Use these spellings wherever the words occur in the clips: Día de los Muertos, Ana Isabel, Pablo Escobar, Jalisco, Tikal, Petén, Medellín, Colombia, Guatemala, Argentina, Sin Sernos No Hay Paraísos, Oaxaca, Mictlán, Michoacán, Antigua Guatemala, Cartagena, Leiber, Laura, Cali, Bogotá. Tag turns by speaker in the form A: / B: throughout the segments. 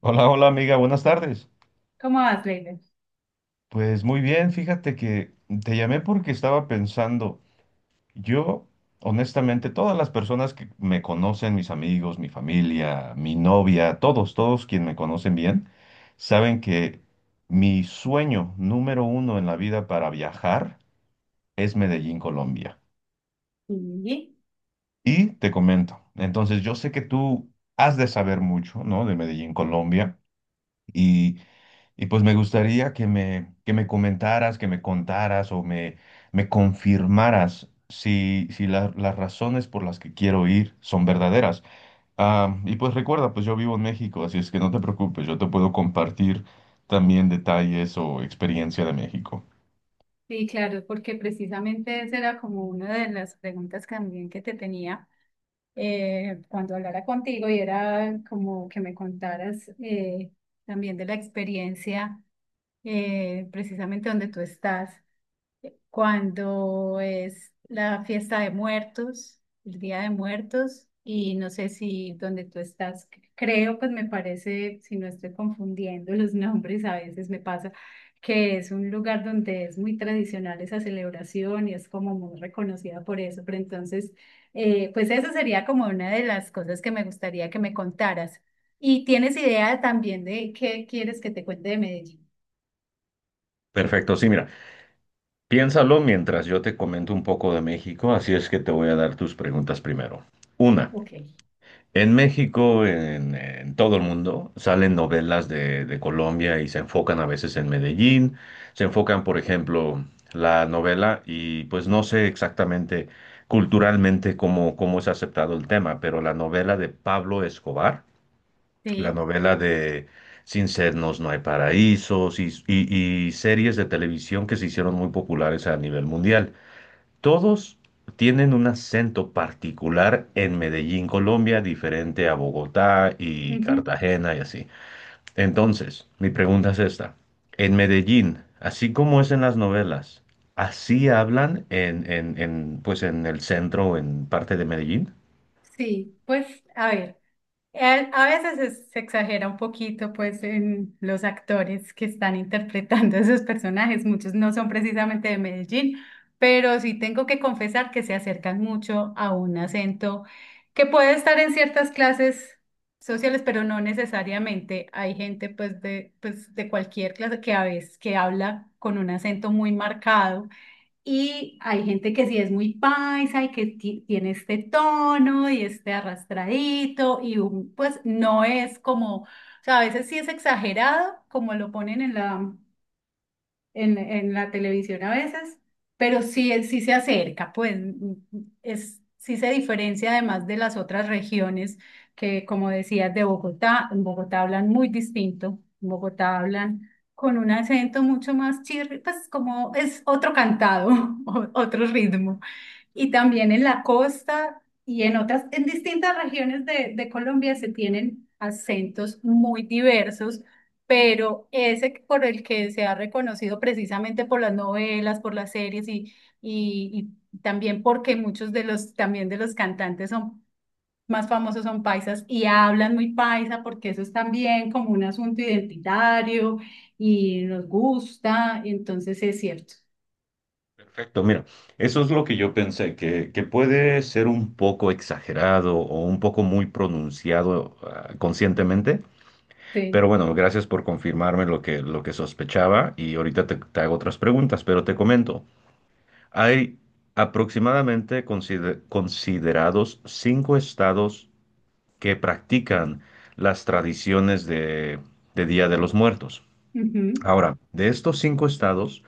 A: Hola, hola amiga, buenas tardes.
B: ¿Cómo vas, Leiber?
A: Pues muy bien, fíjate que te llamé porque estaba pensando, yo honestamente, todas las personas que me conocen, mis amigos, mi familia, mi novia, todos, todos quienes me conocen bien, saben que mi sueño número uno en la vida para viajar es Medellín, Colombia.
B: Sí.
A: Y te comento, entonces yo sé que tú has de saber mucho, ¿no? De Medellín, Colombia. Y Y pues me gustaría que me comentaras, que me contaras o me confirmaras si las razones por las que quiero ir son verdaderas. Ah, y pues recuerda, pues yo vivo en México, así es que no te preocupes, yo te puedo compartir también detalles o experiencia de México.
B: Sí, claro, porque precisamente esa era como una de las preguntas también que te tenía cuando hablara contigo y era como que me contaras, también de la experiencia, precisamente donde tú estás. Cuando es la fiesta de muertos, el Día de Muertos, y no sé si donde tú estás, creo, pues me parece, si no estoy confundiendo los nombres, a veces me pasa que es un lugar donde es muy tradicional esa celebración y es como muy reconocida por eso, pero entonces, pues eso sería como una de las cosas que me gustaría que me contaras. ¿Y tienes idea también de qué quieres que te cuente de Medellín?
A: Perfecto, sí, mira, piénsalo mientras yo te comento un poco de México, así es que te voy a dar tus preguntas primero. Una.
B: Ok.
A: En México, en todo el mundo, salen novelas de Colombia y se enfocan a veces en Medellín, se enfocan, por ejemplo, la novela y pues no sé exactamente culturalmente cómo es aceptado el tema, pero la novela de Pablo Escobar, la
B: Sí.
A: novela de Sin Sernos No Hay Paraísos y series de televisión que se hicieron muy populares a nivel mundial. Todos tienen un acento particular en Medellín, Colombia, diferente a Bogotá y Cartagena y así. Entonces, mi pregunta es esta. En Medellín, así como es en las novelas, ¿así hablan pues en el centro, o en parte de Medellín?
B: Sí, pues a ver, a veces se exagera un poquito pues en los actores que están interpretando a esos personajes, muchos no son precisamente de Medellín, pero sí tengo que confesar que se acercan mucho a un acento que puede estar en ciertas clases sociales, pero no necesariamente. Hay gente pues, de cualquier clase que a veces que habla con un acento muy marcado, y hay gente que sí es muy paisa y que tiene este tono y este arrastradito y pues no es como, o sea, a veces sí es exagerado como lo ponen en en la televisión a veces, pero sí, sí se acerca, pues, sí se diferencia además de las otras regiones que, como decías, de Bogotá. En Bogotá hablan muy distinto, en Bogotá hablan con un acento mucho más chirri, pues como es otro cantado, otro ritmo. Y también en la costa y en otras, en distintas regiones de Colombia se tienen acentos muy diversos, pero ese por el que se ha reconocido precisamente por las novelas, por las series y también porque muchos de los, también de los cantantes son más famosos son paisas y hablan muy paisa porque eso es también como un asunto identitario y nos gusta, entonces es cierto.
A: Perfecto, mira, eso es lo que yo pensé, que puede ser un poco exagerado o un poco muy pronunciado, ah, conscientemente. Pero
B: Sí.
A: bueno, gracias por confirmarme lo que sospechaba y ahorita te hago otras preguntas, pero te comento, hay aproximadamente considerados cinco estados que practican las tradiciones de Día de los Muertos.
B: Ujú.
A: Ahora, de estos cinco estados,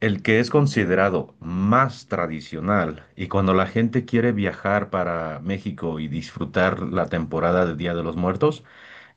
A: el que es considerado más tradicional y cuando la gente quiere viajar para México y disfrutar la temporada de Día de los Muertos,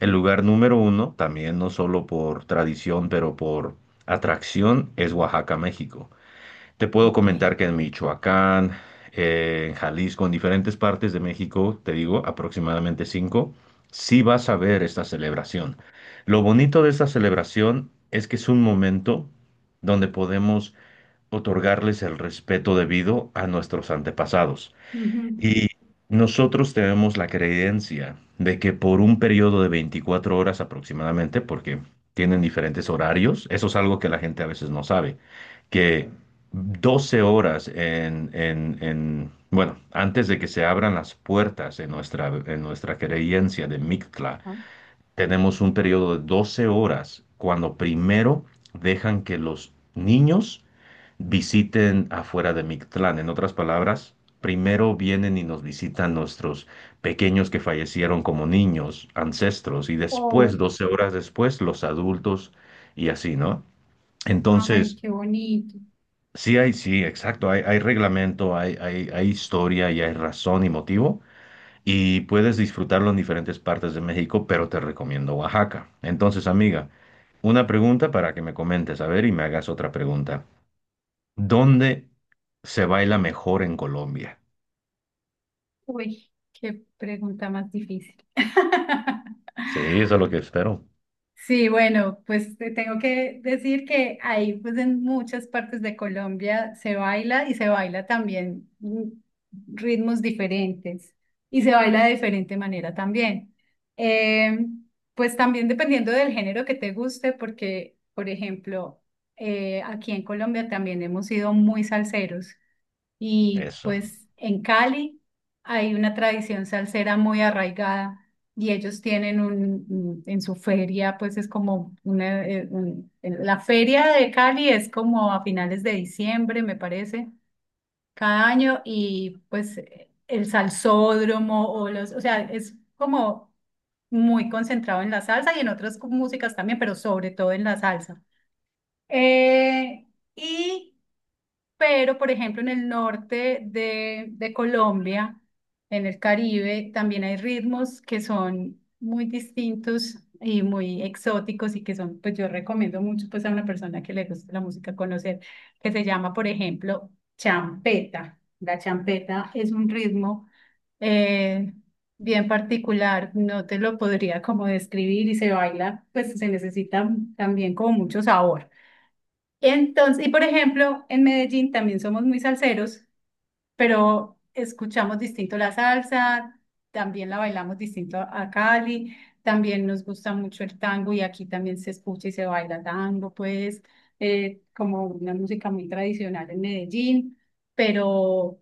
A: el lugar número uno, también no solo por tradición, pero por atracción, es Oaxaca, México. Te puedo
B: Ok.
A: comentar que en Michoacán, en Jalisco, en diferentes partes de México, te digo, aproximadamente cinco, sí vas a ver esta celebración. Lo bonito de esta celebración es que es un momento donde podemos otorgarles el respeto debido a nuestros antepasados.
B: Ujú.
A: Y nosotros tenemos la creencia de que por un periodo de 24 horas aproximadamente, porque tienen diferentes horarios, eso es algo que la gente a veces no sabe, que 12 horas bueno, antes de que se abran las puertas en nuestra creencia de Mictla,
B: Ajá.
A: tenemos un periodo de 12 horas cuando primero dejan que los niños visiten afuera de Mictlán. En otras palabras, primero vienen y nos visitan nuestros pequeños que fallecieron como niños, ancestros, y después,
B: Oh,
A: 12 horas después, los adultos y así, ¿no?
B: ay,
A: Entonces,
B: qué bonito.
A: sí hay, sí, exacto, hay reglamento, hay historia y hay razón y motivo. Y puedes disfrutarlo en diferentes partes de México, pero te recomiendo Oaxaca. Entonces, amiga, una pregunta para que me comentes, a ver, y me hagas otra pregunta. ¿Dónde se baila mejor en Colombia?
B: Uy, qué pregunta más difícil.
A: Sí, eso es lo que espero.
B: Sí, bueno, pues te tengo que decir que ahí, pues en muchas partes de Colombia se baila y se baila también, ritmos diferentes y se baila de diferente manera también. Eh, pues también dependiendo del género que te guste, porque, por ejemplo, aquí en Colombia también hemos sido muy salseros. Y
A: Eso.
B: pues en Cali hay una tradición salsera muy arraigada y ellos tienen en su feria, pues es como una, la feria de Cali es como a finales de diciembre, me parece, cada año, y pues el salsódromo o los, o sea, es como muy concentrado en la salsa y en otras músicas también, pero sobre todo en la salsa. Eh, y pero, por ejemplo, en el norte de Colombia, en el Caribe, también hay ritmos que son muy distintos y muy exóticos y que son, pues yo recomiendo mucho pues a una persona que le guste la música conocer, que se llama, por ejemplo, champeta. La champeta es un ritmo eh, bien particular, no te lo podría como describir y se baila, pues se necesita también como mucho sabor. Entonces, y por ejemplo, en Medellín también somos muy salseros, pero escuchamos distinto la salsa, también la bailamos distinto a Cali, también nos gusta mucho el tango y aquí también se escucha y se baila tango, pues como una música muy tradicional en Medellín, pero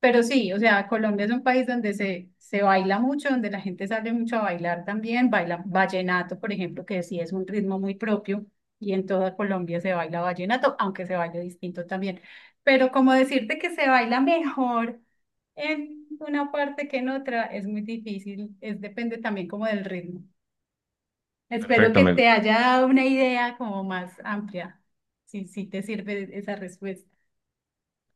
B: pero sí, o sea, Colombia es un país donde se baila mucho, donde la gente sale mucho a bailar también, baila vallenato, por ejemplo, que sí es un ritmo muy propio y en toda Colombia se baila vallenato, aunque se baila distinto también. Pero como decirte que se baila mejor en una parte que en otra es muy difícil, es depende también como del ritmo. Espero
A: Perfecto.
B: que
A: Me.
B: te haya dado una idea como más amplia, si, si te sirve esa respuesta.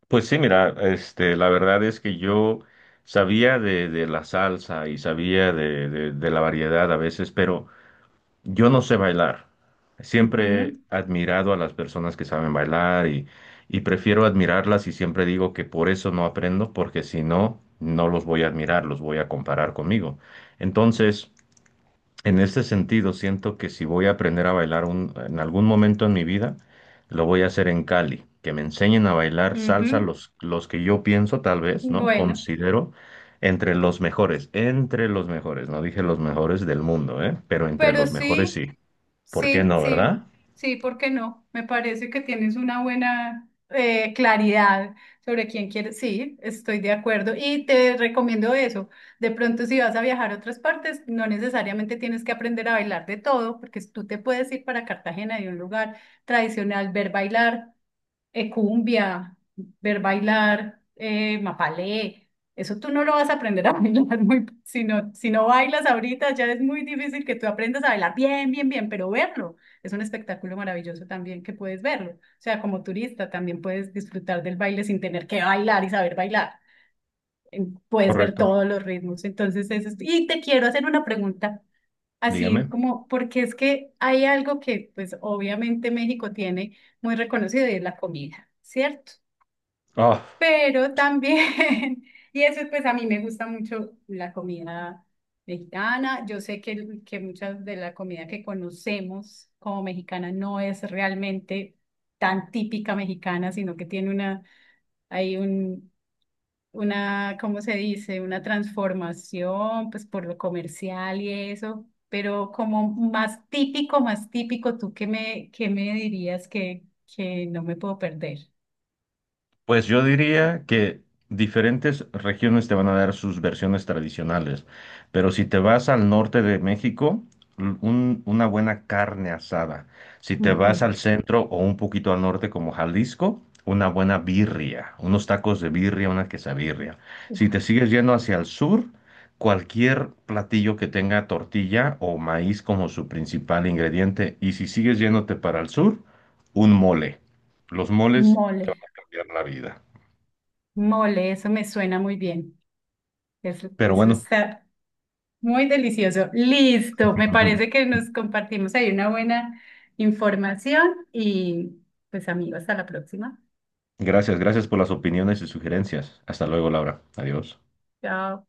A: Pues sí, mira, este, la verdad es que yo sabía de la salsa y sabía de la variedad a veces, pero yo no sé bailar. Siempre he admirado a las personas que saben bailar y prefiero admirarlas y siempre digo que por eso no aprendo, porque si no, no los voy a admirar, los voy a comparar conmigo. Entonces. En ese sentido, siento que si voy a aprender a bailar en algún momento en mi vida, lo voy a hacer en Cali, que me enseñen a bailar
B: Ujú,
A: salsa
B: ujú.
A: los que yo pienso, tal vez, ¿no?
B: Bueno.
A: Considero entre los mejores, no dije los mejores del mundo, ¿eh? Pero entre
B: Pero
A: los mejores
B: sí,
A: sí. ¿Por qué
B: sí,
A: no,
B: sí,
A: verdad?
B: sí, ¿por qué no? Me parece que tienes una buena claridad sobre quién quieres. Sí, estoy de acuerdo y te recomiendo eso. De pronto, si vas a viajar a otras partes, no necesariamente tienes que aprender a bailar de todo, porque tú te puedes ir para Cartagena de un lugar tradicional, ver bailar cumbia, ver bailar, mapalé. Eso tú no lo vas a aprender a bailar muy, si no, si no bailas ahorita, ya es muy difícil que tú aprendas a bailar bien, bien, bien, pero verlo es un espectáculo maravilloso también que puedes verlo. O sea, como turista también puedes disfrutar del baile sin tener que bailar y saber bailar. Puedes ver
A: Correcto.
B: todos los ritmos. Entonces, y te quiero hacer una pregunta, así
A: Dígame.
B: como, porque es que hay algo que, pues, obviamente México tiene muy reconocido y es la comida, ¿cierto?
A: ah
B: Pero también, y eso pues a mí me gusta mucho la comida mexicana. Yo sé que muchas de la comida que conocemos como mexicana no es realmente tan típica mexicana, sino que tiene una, hay un, una, ¿cómo se dice? Una transformación pues por lo comercial y eso. Pero como más típico, ¿tú qué me dirías que no me puedo perder?
A: Pues yo diría que diferentes regiones te van a dar sus versiones tradicionales, pero si te vas al norte de México, una buena carne asada. Si te vas al centro o un poquito al norte como Jalisco, una buena birria, unos tacos de birria, una quesabirria. Si te sigues yendo hacia el sur, cualquier platillo que tenga tortilla o maíz como su principal ingrediente. Y si sigues yéndote para el sur, un mole. Los moles
B: Mole.
A: cambiar la vida.
B: Mole, eso me suena muy bien. Eso,
A: Pero
B: eso
A: bueno,
B: está muy delicioso. Listo, me parece que nos compartimos ahí una buena información y pues amigos, hasta la próxima.
A: gracias, gracias por las opiniones y sugerencias. Hasta luego, Laura. Adiós.
B: Chao.